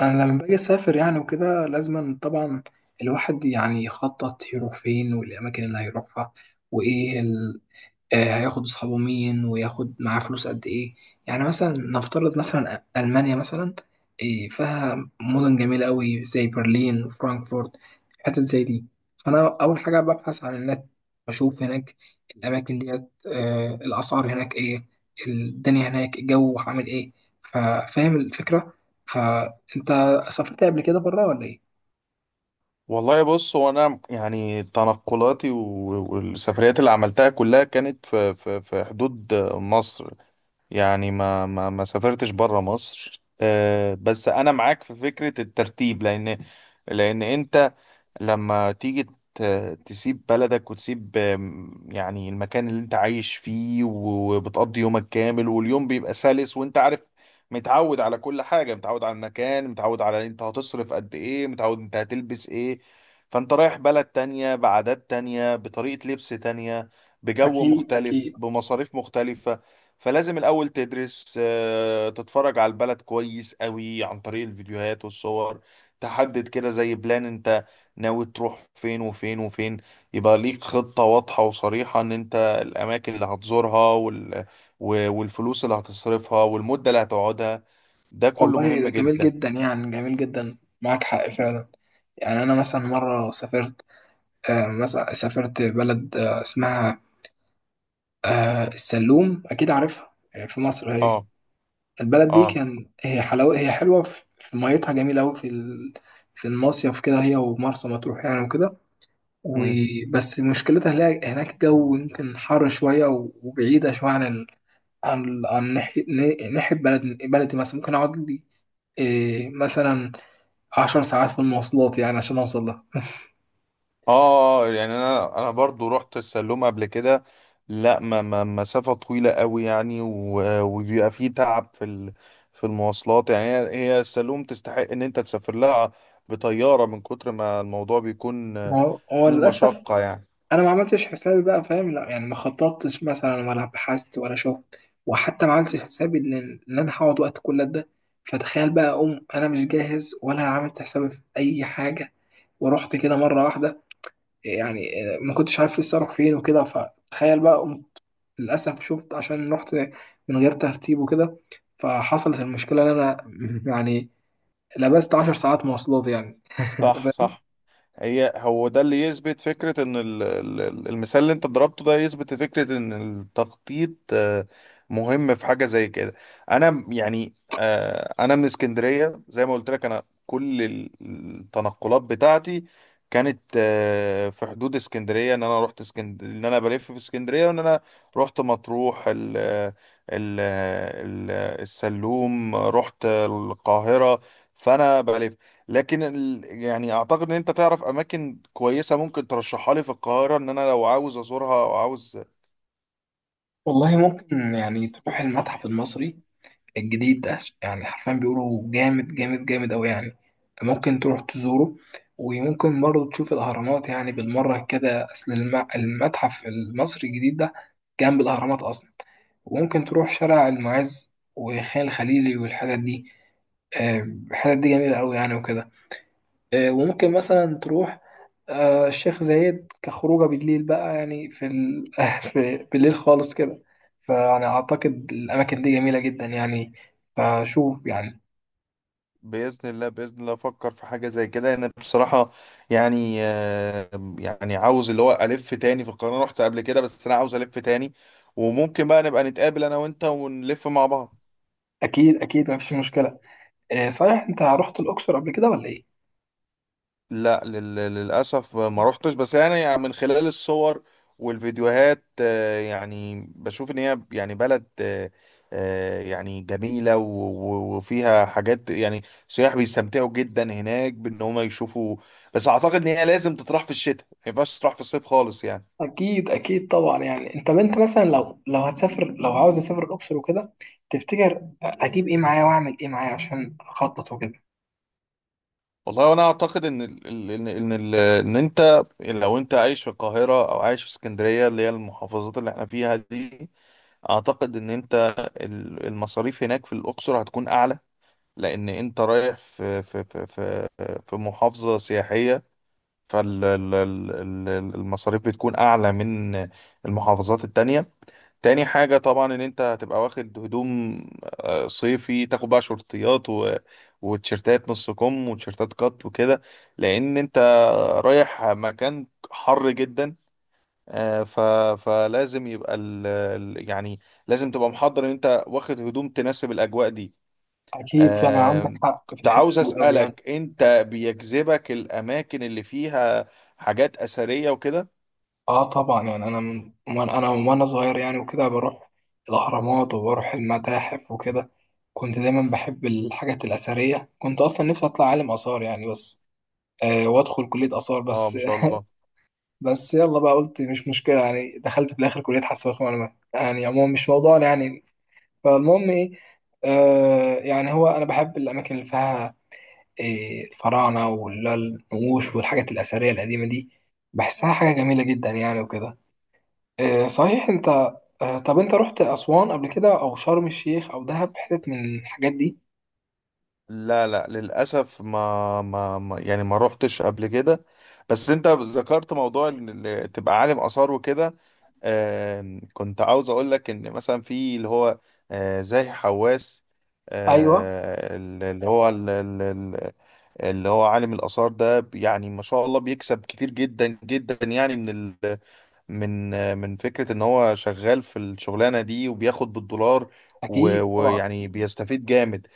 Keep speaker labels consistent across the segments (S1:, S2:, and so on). S1: انا لما باجي اسافر يعني وكده لازم طبعا الواحد يعني يخطط يروح فين والاماكن اللي هيروحها وايه هياخد أصحابه مين وياخد معاه فلوس قد إيه؟ يعني مثلا نفترض مثلا ألمانيا مثلا. إيه، فيها مدن جميلة أوي زي برلين وفرانكفورت، حتت زي دي. فأنا أول حاجة ببحث عن النت، أشوف هناك الأماكن ديت، الأسعار هناك إيه، الدنيا هناك الجو عامل إيه. فاهم الفكرة؟ فأنت سافرت قبل كده بره ولا إيه؟
S2: والله بص هو انا يعني تنقلاتي والسفريات اللي عملتها كلها كانت في حدود مصر. يعني ما سافرتش بره مصر، آه، بس انا معاك في فكرة الترتيب لان انت لما تيجي ت- تسيب بلدك وتسيب، يعني المكان اللي انت عايش فيه وبتقضي يومك كامل واليوم بيبقى سلس وانت عارف، متعود على كل حاجة، متعود على المكان، متعود على انت هتصرف قد ايه، متعود انت هتلبس ايه. فانت رايح بلد تانية بعادات تانية بطريقة لبس تانية بجو
S1: أكيد
S2: مختلف
S1: أكيد.
S2: بمصاريف مختلفة. فلازم الأول تدرس، آه، تتفرج على البلد كويس قوي عن طريق الفيديوهات والصور. تحدد كده زي بلان انت ناوي تروح فين وفين وفين. يبقى ليك خطة واضحة وصريحة ان انت الأماكن اللي هتزورها والفلوس اللي هتصرفها والمدة اللي هتقعدها. ده كله
S1: والله
S2: مهم
S1: ده جميل
S2: جدا.
S1: جدا يعني، جميل جدا، معاك حق فعلا. يعني أنا مثلا مرة سافرت، مثلا سافرت بلد اسمها السلوم، أكيد عارفها، في مصر هي.
S2: اه،
S1: البلد دي
S2: اه.
S1: كان هي حلاوة، هي حلوة في في ميتها جميلة أوي، في في المصيف كده هي ومرسى مطروح يعني وكده.
S2: مم.
S1: وبس مشكلتها هناك هناك الجو يمكن حر شوية وبعيدة شوية عن ناحية بلدي مثلا. ممكن أقعد لي إيه مثلا 10 ساعات في المواصلات يعني عشان أوصل لها.
S2: اه، يعني انا برضو رحت السلوم قبل كده. لا، ما مسافة طويلة قوي يعني، وبيبقى فيه تعب في المواصلات. يعني هي السلوم تستحق ان انت تسافر لها بطيارة من كتر ما الموضوع بيكون، آه،
S1: هو
S2: فيه
S1: للأسف
S2: مشقة يعني.
S1: انا ما عملتش حسابي بقى فاهم، لا يعني ما خططتش مثلا ولا بحثت ولا شفت، وحتى ما عملتش حسابي إن انا هقعد وقت كل ده. فتخيل بقى اقوم انا مش جاهز ولا عملت حسابي في اي حاجه، ورحت كده مره واحده يعني. ما كنتش عارف لسه اروح فين وكده، فتخيل بقى قمت للاسف شفت عشان رحت من غير ترتيب وكده، فحصلت المشكله ان انا يعني لبست 10 ساعات مواصلات يعني
S2: صح، صح. هو ده اللي يثبت فكرة ان المثال اللي انت ضربته ده يثبت فكرة ان التخطيط، آه، مهم في حاجة زي كده. انا يعني، آه، انا من اسكندرية زي ما قلت لك. انا كل التنقلات بتاعتي كانت، آه، في حدود اسكندرية. ان انا رحت اسكندرية، ان انا بلف في اسكندرية، وان انا رحت مطروح ال ال- السلوم، رحت القاهرة، فانا بلف. لكن يعني اعتقد ان انت تعرف اماكن كويسه ممكن ترشحها لي في القاهره ان انا لو عاوز ازورها او عاوز.
S1: والله ممكن يعني تروح المتحف المصري الجديد ده، يعني حرفيا بيقولوا جامد جامد جامد أوي يعني. ممكن تروح تزوره، وممكن برضه تشوف الأهرامات يعني بالمرة كده، أصل المتحف المصري الجديد ده جنب الأهرامات أصلا. وممكن تروح شارع المعز وخان الخليلي والحتت دي، آه، الحتت دي جميلة أوي يعني وكده. وممكن مثلا تروح الشيخ زايد كخروجه بالليل بقى يعني، في بالليل خالص كده. فأنا أعتقد الأماكن دي جميلة جدا يعني، فشوف يعني.
S2: باذن الله، باذن الله افكر في حاجه زي كده. انا بصراحه، يعني، آه، يعني عاوز اللي هو الف تاني في القاهره. أنا رحت قبل كده بس انا عاوز الف تاني. وممكن بقى نبقى نتقابل انا وانت ونلف مع بعض.
S1: أكيد أكيد، مفيش مشكلة. صحيح أنت رحت الأقصر قبل كده ولا إيه؟
S2: لا، للأسف ما روحتش، بس يعني من خلال الصور والفيديوهات، آه، يعني بشوف إن هي يعني بلد، آه، آه، يعني جميلة وفيها حاجات يعني سياح بيستمتعوا جدا هناك بإن هم يشوفوا. بس أعتقد إن هي لازم تطرح في الشتاء، ما ينفعش تطرح في الصيف خالص يعني.
S1: أكيد أكيد طبعا. يعني أنت بنت مثلا، لو هتسافر، لو عاوز أسافر الأقصر وكده، تفتكر أجيب إيه معايا وأعمل إيه معايا عشان أخطط وكده؟
S2: والله وأنا أعتقد إن ال- ال- إن إن ال- إن أنت، لو أنت عايش في القاهرة أو عايش في اسكندرية اللي هي المحافظات اللي إحنا فيها دي، اعتقد ان انت المصاريف هناك في الاقصر هتكون اعلى. لان انت رايح في في محافظه سياحيه، فالمصاريف بتكون اعلى من المحافظات التانية. تاني حاجه طبعا ان انت هتبقى واخد هدوم، آه، صيفي. تاخد بقى شورتيات وتيشيرتات نص كم وتيشيرتات قط وكده، لان انت رايح مكان حر جدا، آه، فلازم يبقى يعني لازم تبقى محضر ان انت واخد هدوم تناسب الاجواء دي.
S1: أكيد، فعلا عندك
S2: آه،
S1: حق في
S2: كنت
S1: الحتة
S2: عاوز
S1: دي أوي يعني.
S2: اسالك انت بيجذبك الاماكن اللي فيها حاجات اثريه وكده؟
S1: اه طبعا يعني، انا من وانا صغير يعني وكده بروح الاهرامات وبروح المتاحف وكده. كنت دايما بحب الحاجات الاثريه، كنت اصلا نفسي اطلع عالم اثار يعني، بس وادخل كليه اثار
S2: اه،
S1: بس
S2: ما شاء الله.
S1: بس يلا بقى، قلت مش مشكله يعني، دخلت في الاخر كليه حاسبات ومعلومات، يعني عموما مش موضوعنا يعني. فالمهم ايه، يعني هو انا بحب الاماكن اللي فيها إيه، الفراعنه والنقوش والحاجات الاثريه القديمه دي، بحسها حاجه جميله جدا يعني وكده. صحيح انت، طب انت رحت اسوان قبل كده او شرم الشيخ او دهب، حتت من الحاجات دي؟
S2: لا، لا، للاسف يعني ما روحتش قبل كده. بس انت ذكرت موضوع ان تبقى عالم اثار وكده. آم، كنت عاوز اقول لك ان مثلا في اللي هو، آه، زاهي حواس،
S1: ايوه
S2: آه، اللي هو ال- ال- ال- اللي هو عالم الآثار ده يعني ما شاء الله بيكسب كتير جدا جدا يعني من، آه، من فكرة ان هو شغال في الشغلانة دي وبياخد بالدولار.
S1: اكيد طبعا.
S2: ويعني بيستفيد جامد.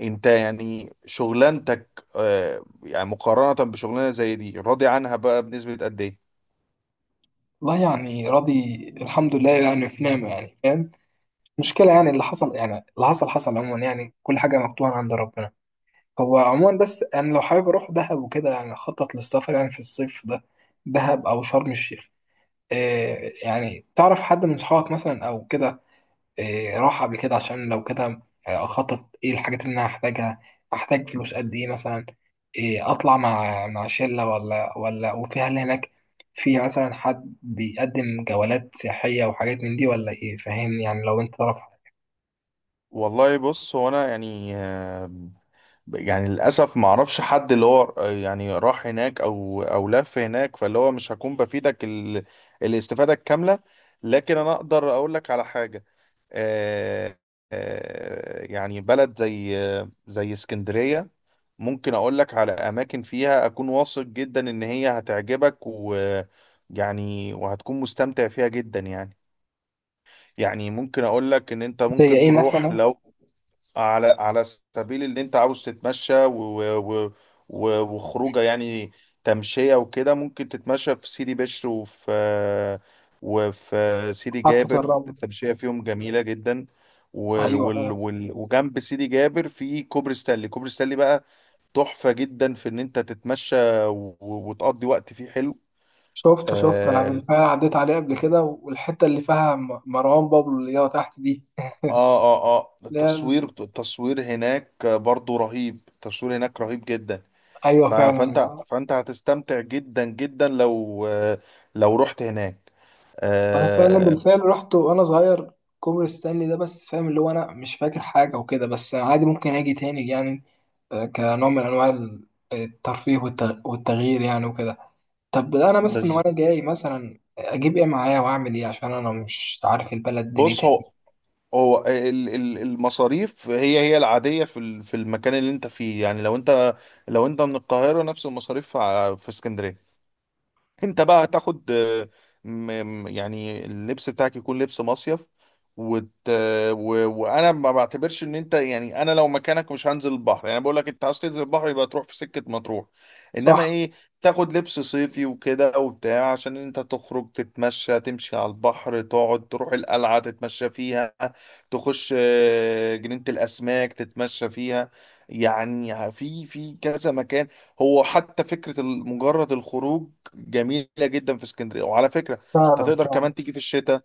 S2: انت يعني شغلانتك، آه، يعني مقارنة بشغلانة زي دي راضي عنها بقى بنسبة قد ايه؟
S1: والله يعني راضي، الحمد لله يعني، في نعمه يعني فاهم، مشكله يعني اللي حصل يعني، اللي حصل حصل عموما يعني، كل حاجه مكتوبه عند ربنا. هو عموما بس انا لو حابب اروح دهب وكده يعني، اخطط للسفر يعني في الصيف ده، دهب او شرم الشيخ. يعني تعرف حد من صحابك مثلا او كده إيه، راح قبل كده؟ عشان لو كده اخطط ايه الحاجات اللي انا هحتاجها، احتاج فلوس قد ايه مثلا، إيه اطلع مع شله، ولا وفي هل هناك في مثلا حد بيقدم جولات سياحيه وحاجات من دي ولا ايه فاهمني يعني؟ لو انت تعرف حاجة.
S2: والله، بص، هو انا يعني، يعني للأسف ما اعرفش حد اللي هو يعني راح هناك أو لف هناك، فاللي هو مش هكون بفيدك الاستفادة الكاملة. لكن أنا أقدر أقول لك على حاجة. آه... يعني بلد زي زي اسكندرية ممكن أقول لك على أماكن فيها أكون واثق جدا إن هي هتعجبك، و يعني وهتكون مستمتع فيها جدا يعني. يعني ممكن أقول لك إن أنت
S1: زي
S2: ممكن
S1: ايه
S2: تروح
S1: مثلا؟
S2: لو على، على سبيل اللي انت عاوز تتمشى و و و وخروجه يعني، تمشية وكده، ممكن تتمشى في سيدي بشر وفي، وفي سيدي
S1: حطة
S2: جابر.
S1: الرمل.
S2: التمشية فيهم جميلة جدا. وال
S1: ايوه
S2: وال
S1: ايوه،
S2: وال وجنب سيدي جابر في كوبري ستانلي. كوبري ستانلي بقى تحفة جدا في ان انت تتمشى، وتقضي وقت فيه حلو.
S1: شفته انا
S2: اه،
S1: بالفعل عديت عليه قبل كده، والحتة اللي فيها مروان بابلو اللي هي تحت دي،
S2: اه، اه، آه.
S1: اللي هي
S2: التصوير هناك برضو رهيب. التصوير هناك رهيب جدا.
S1: ايوه فعلا.
S2: فانت هتستمتع جدا جدا لو، لو رحت هناك،
S1: وانا فعلا
S2: آه.
S1: بالفعل رحت وانا صغير كوبري ستانلي ده، بس فاهم اللي هو انا مش فاكر حاجه وكده، بس عادي ممكن اجي تاني يعني كنوع من انواع الترفيه والتغيير يعني وكده. طب انا مثلا
S2: بس
S1: وانا جاي مثلا اجيب ايه معايا واعمل ايه عشان انا مش عارف البلد
S2: بص،
S1: دنيتها ايه؟
S2: المصاريف هي العادية في المكان اللي انت فيه. يعني لو انت، لو انت من القاهرة نفس المصاريف في اسكندرية. انت بقى هتاخد، آه، يعني اللبس بتاعك يكون لبس مصيف وت... وانا ما بعتبرش ان انت يعني، انا لو مكانك مش هنزل البحر. يعني بقول لك، انت عاوز تنزل البحر يبقى تروح في سكة مطروح. انما
S1: صح.
S2: ايه، تاخد لبس صيفي وكده وبتاع عشان انت تخرج تتمشى، تمشي على البحر، تقعد، تروح القلعة تتمشى فيها، تخش، آه، جنينة الاسماك تتمشى فيها. يعني في في كذا مكان. هو حتى فكرة مجرد الخروج جميله جدا في اسكندريه. وعلى فكره، انت
S1: فعلا
S2: تقدر
S1: فعلا،
S2: كمان تيجي في الشتاء.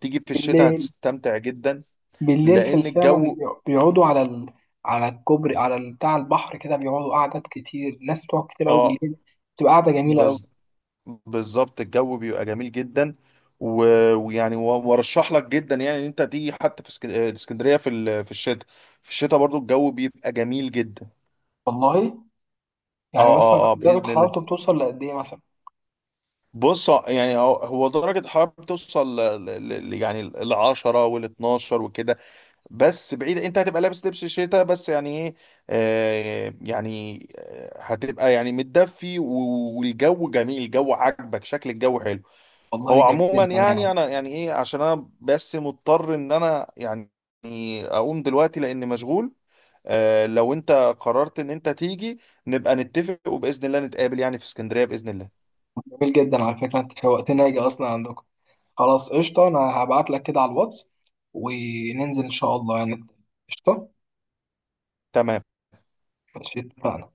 S2: تيجي في الشتاء
S1: بالليل،
S2: هتستمتع جدا
S1: بالليل في
S2: لان
S1: فعلا
S2: الجو
S1: بيقعدوا على على الكوبري، على بتاع البحر كده، بيقعدوا قعدات كتير، ناس بتقعد كتير قوي
S2: اه.
S1: بالليل، بتبقى قعده جميله قوي.
S2: بز... بالظبط، الجو بيبقى جميل جدا، و... ويعني وارشح لك جدا يعني ان انت تيجي حتى في آه، اسكندريه في في الشتاء. في الشتاء برضو الجو بيبقى جميل جدا.
S1: والله،
S2: اه،
S1: يعني مثلا
S2: اه، اه،
S1: درجة
S2: باذن الله.
S1: حرارته بتوصل لقد إيه مثلا؟
S2: بص يعني هو درجه الحراره بتوصل يعني ال 10 وال 12 وكده. بس بعيد انت هتبقى لابس لبس الشتاء. بس يعني ايه، آه، يعني، آه، هتبقى يعني متدفي، والجو جميل، الجو عاجبك، شكل الجو حلو.
S1: والله
S2: هو
S1: جميل
S2: عموما
S1: جدا
S2: يعني،
S1: يعني،
S2: انا يعني ايه، عشان انا بس مضطر ان انا يعني اقوم دلوقتي لان مشغول. آه، لو انت قررت ان انت تيجي نبقى نتفق وباذن الله نتقابل يعني في اسكندرية باذن الله.
S1: جميل جدا. على فكرة أنت شوقتني أجي أصلا عندكم. خلاص، قشطة، أنا هبعت لك كده على الواتس وننزل إن شاء الله يعني. قشطة.
S2: تمام.
S1: ماشي، اتفقنا.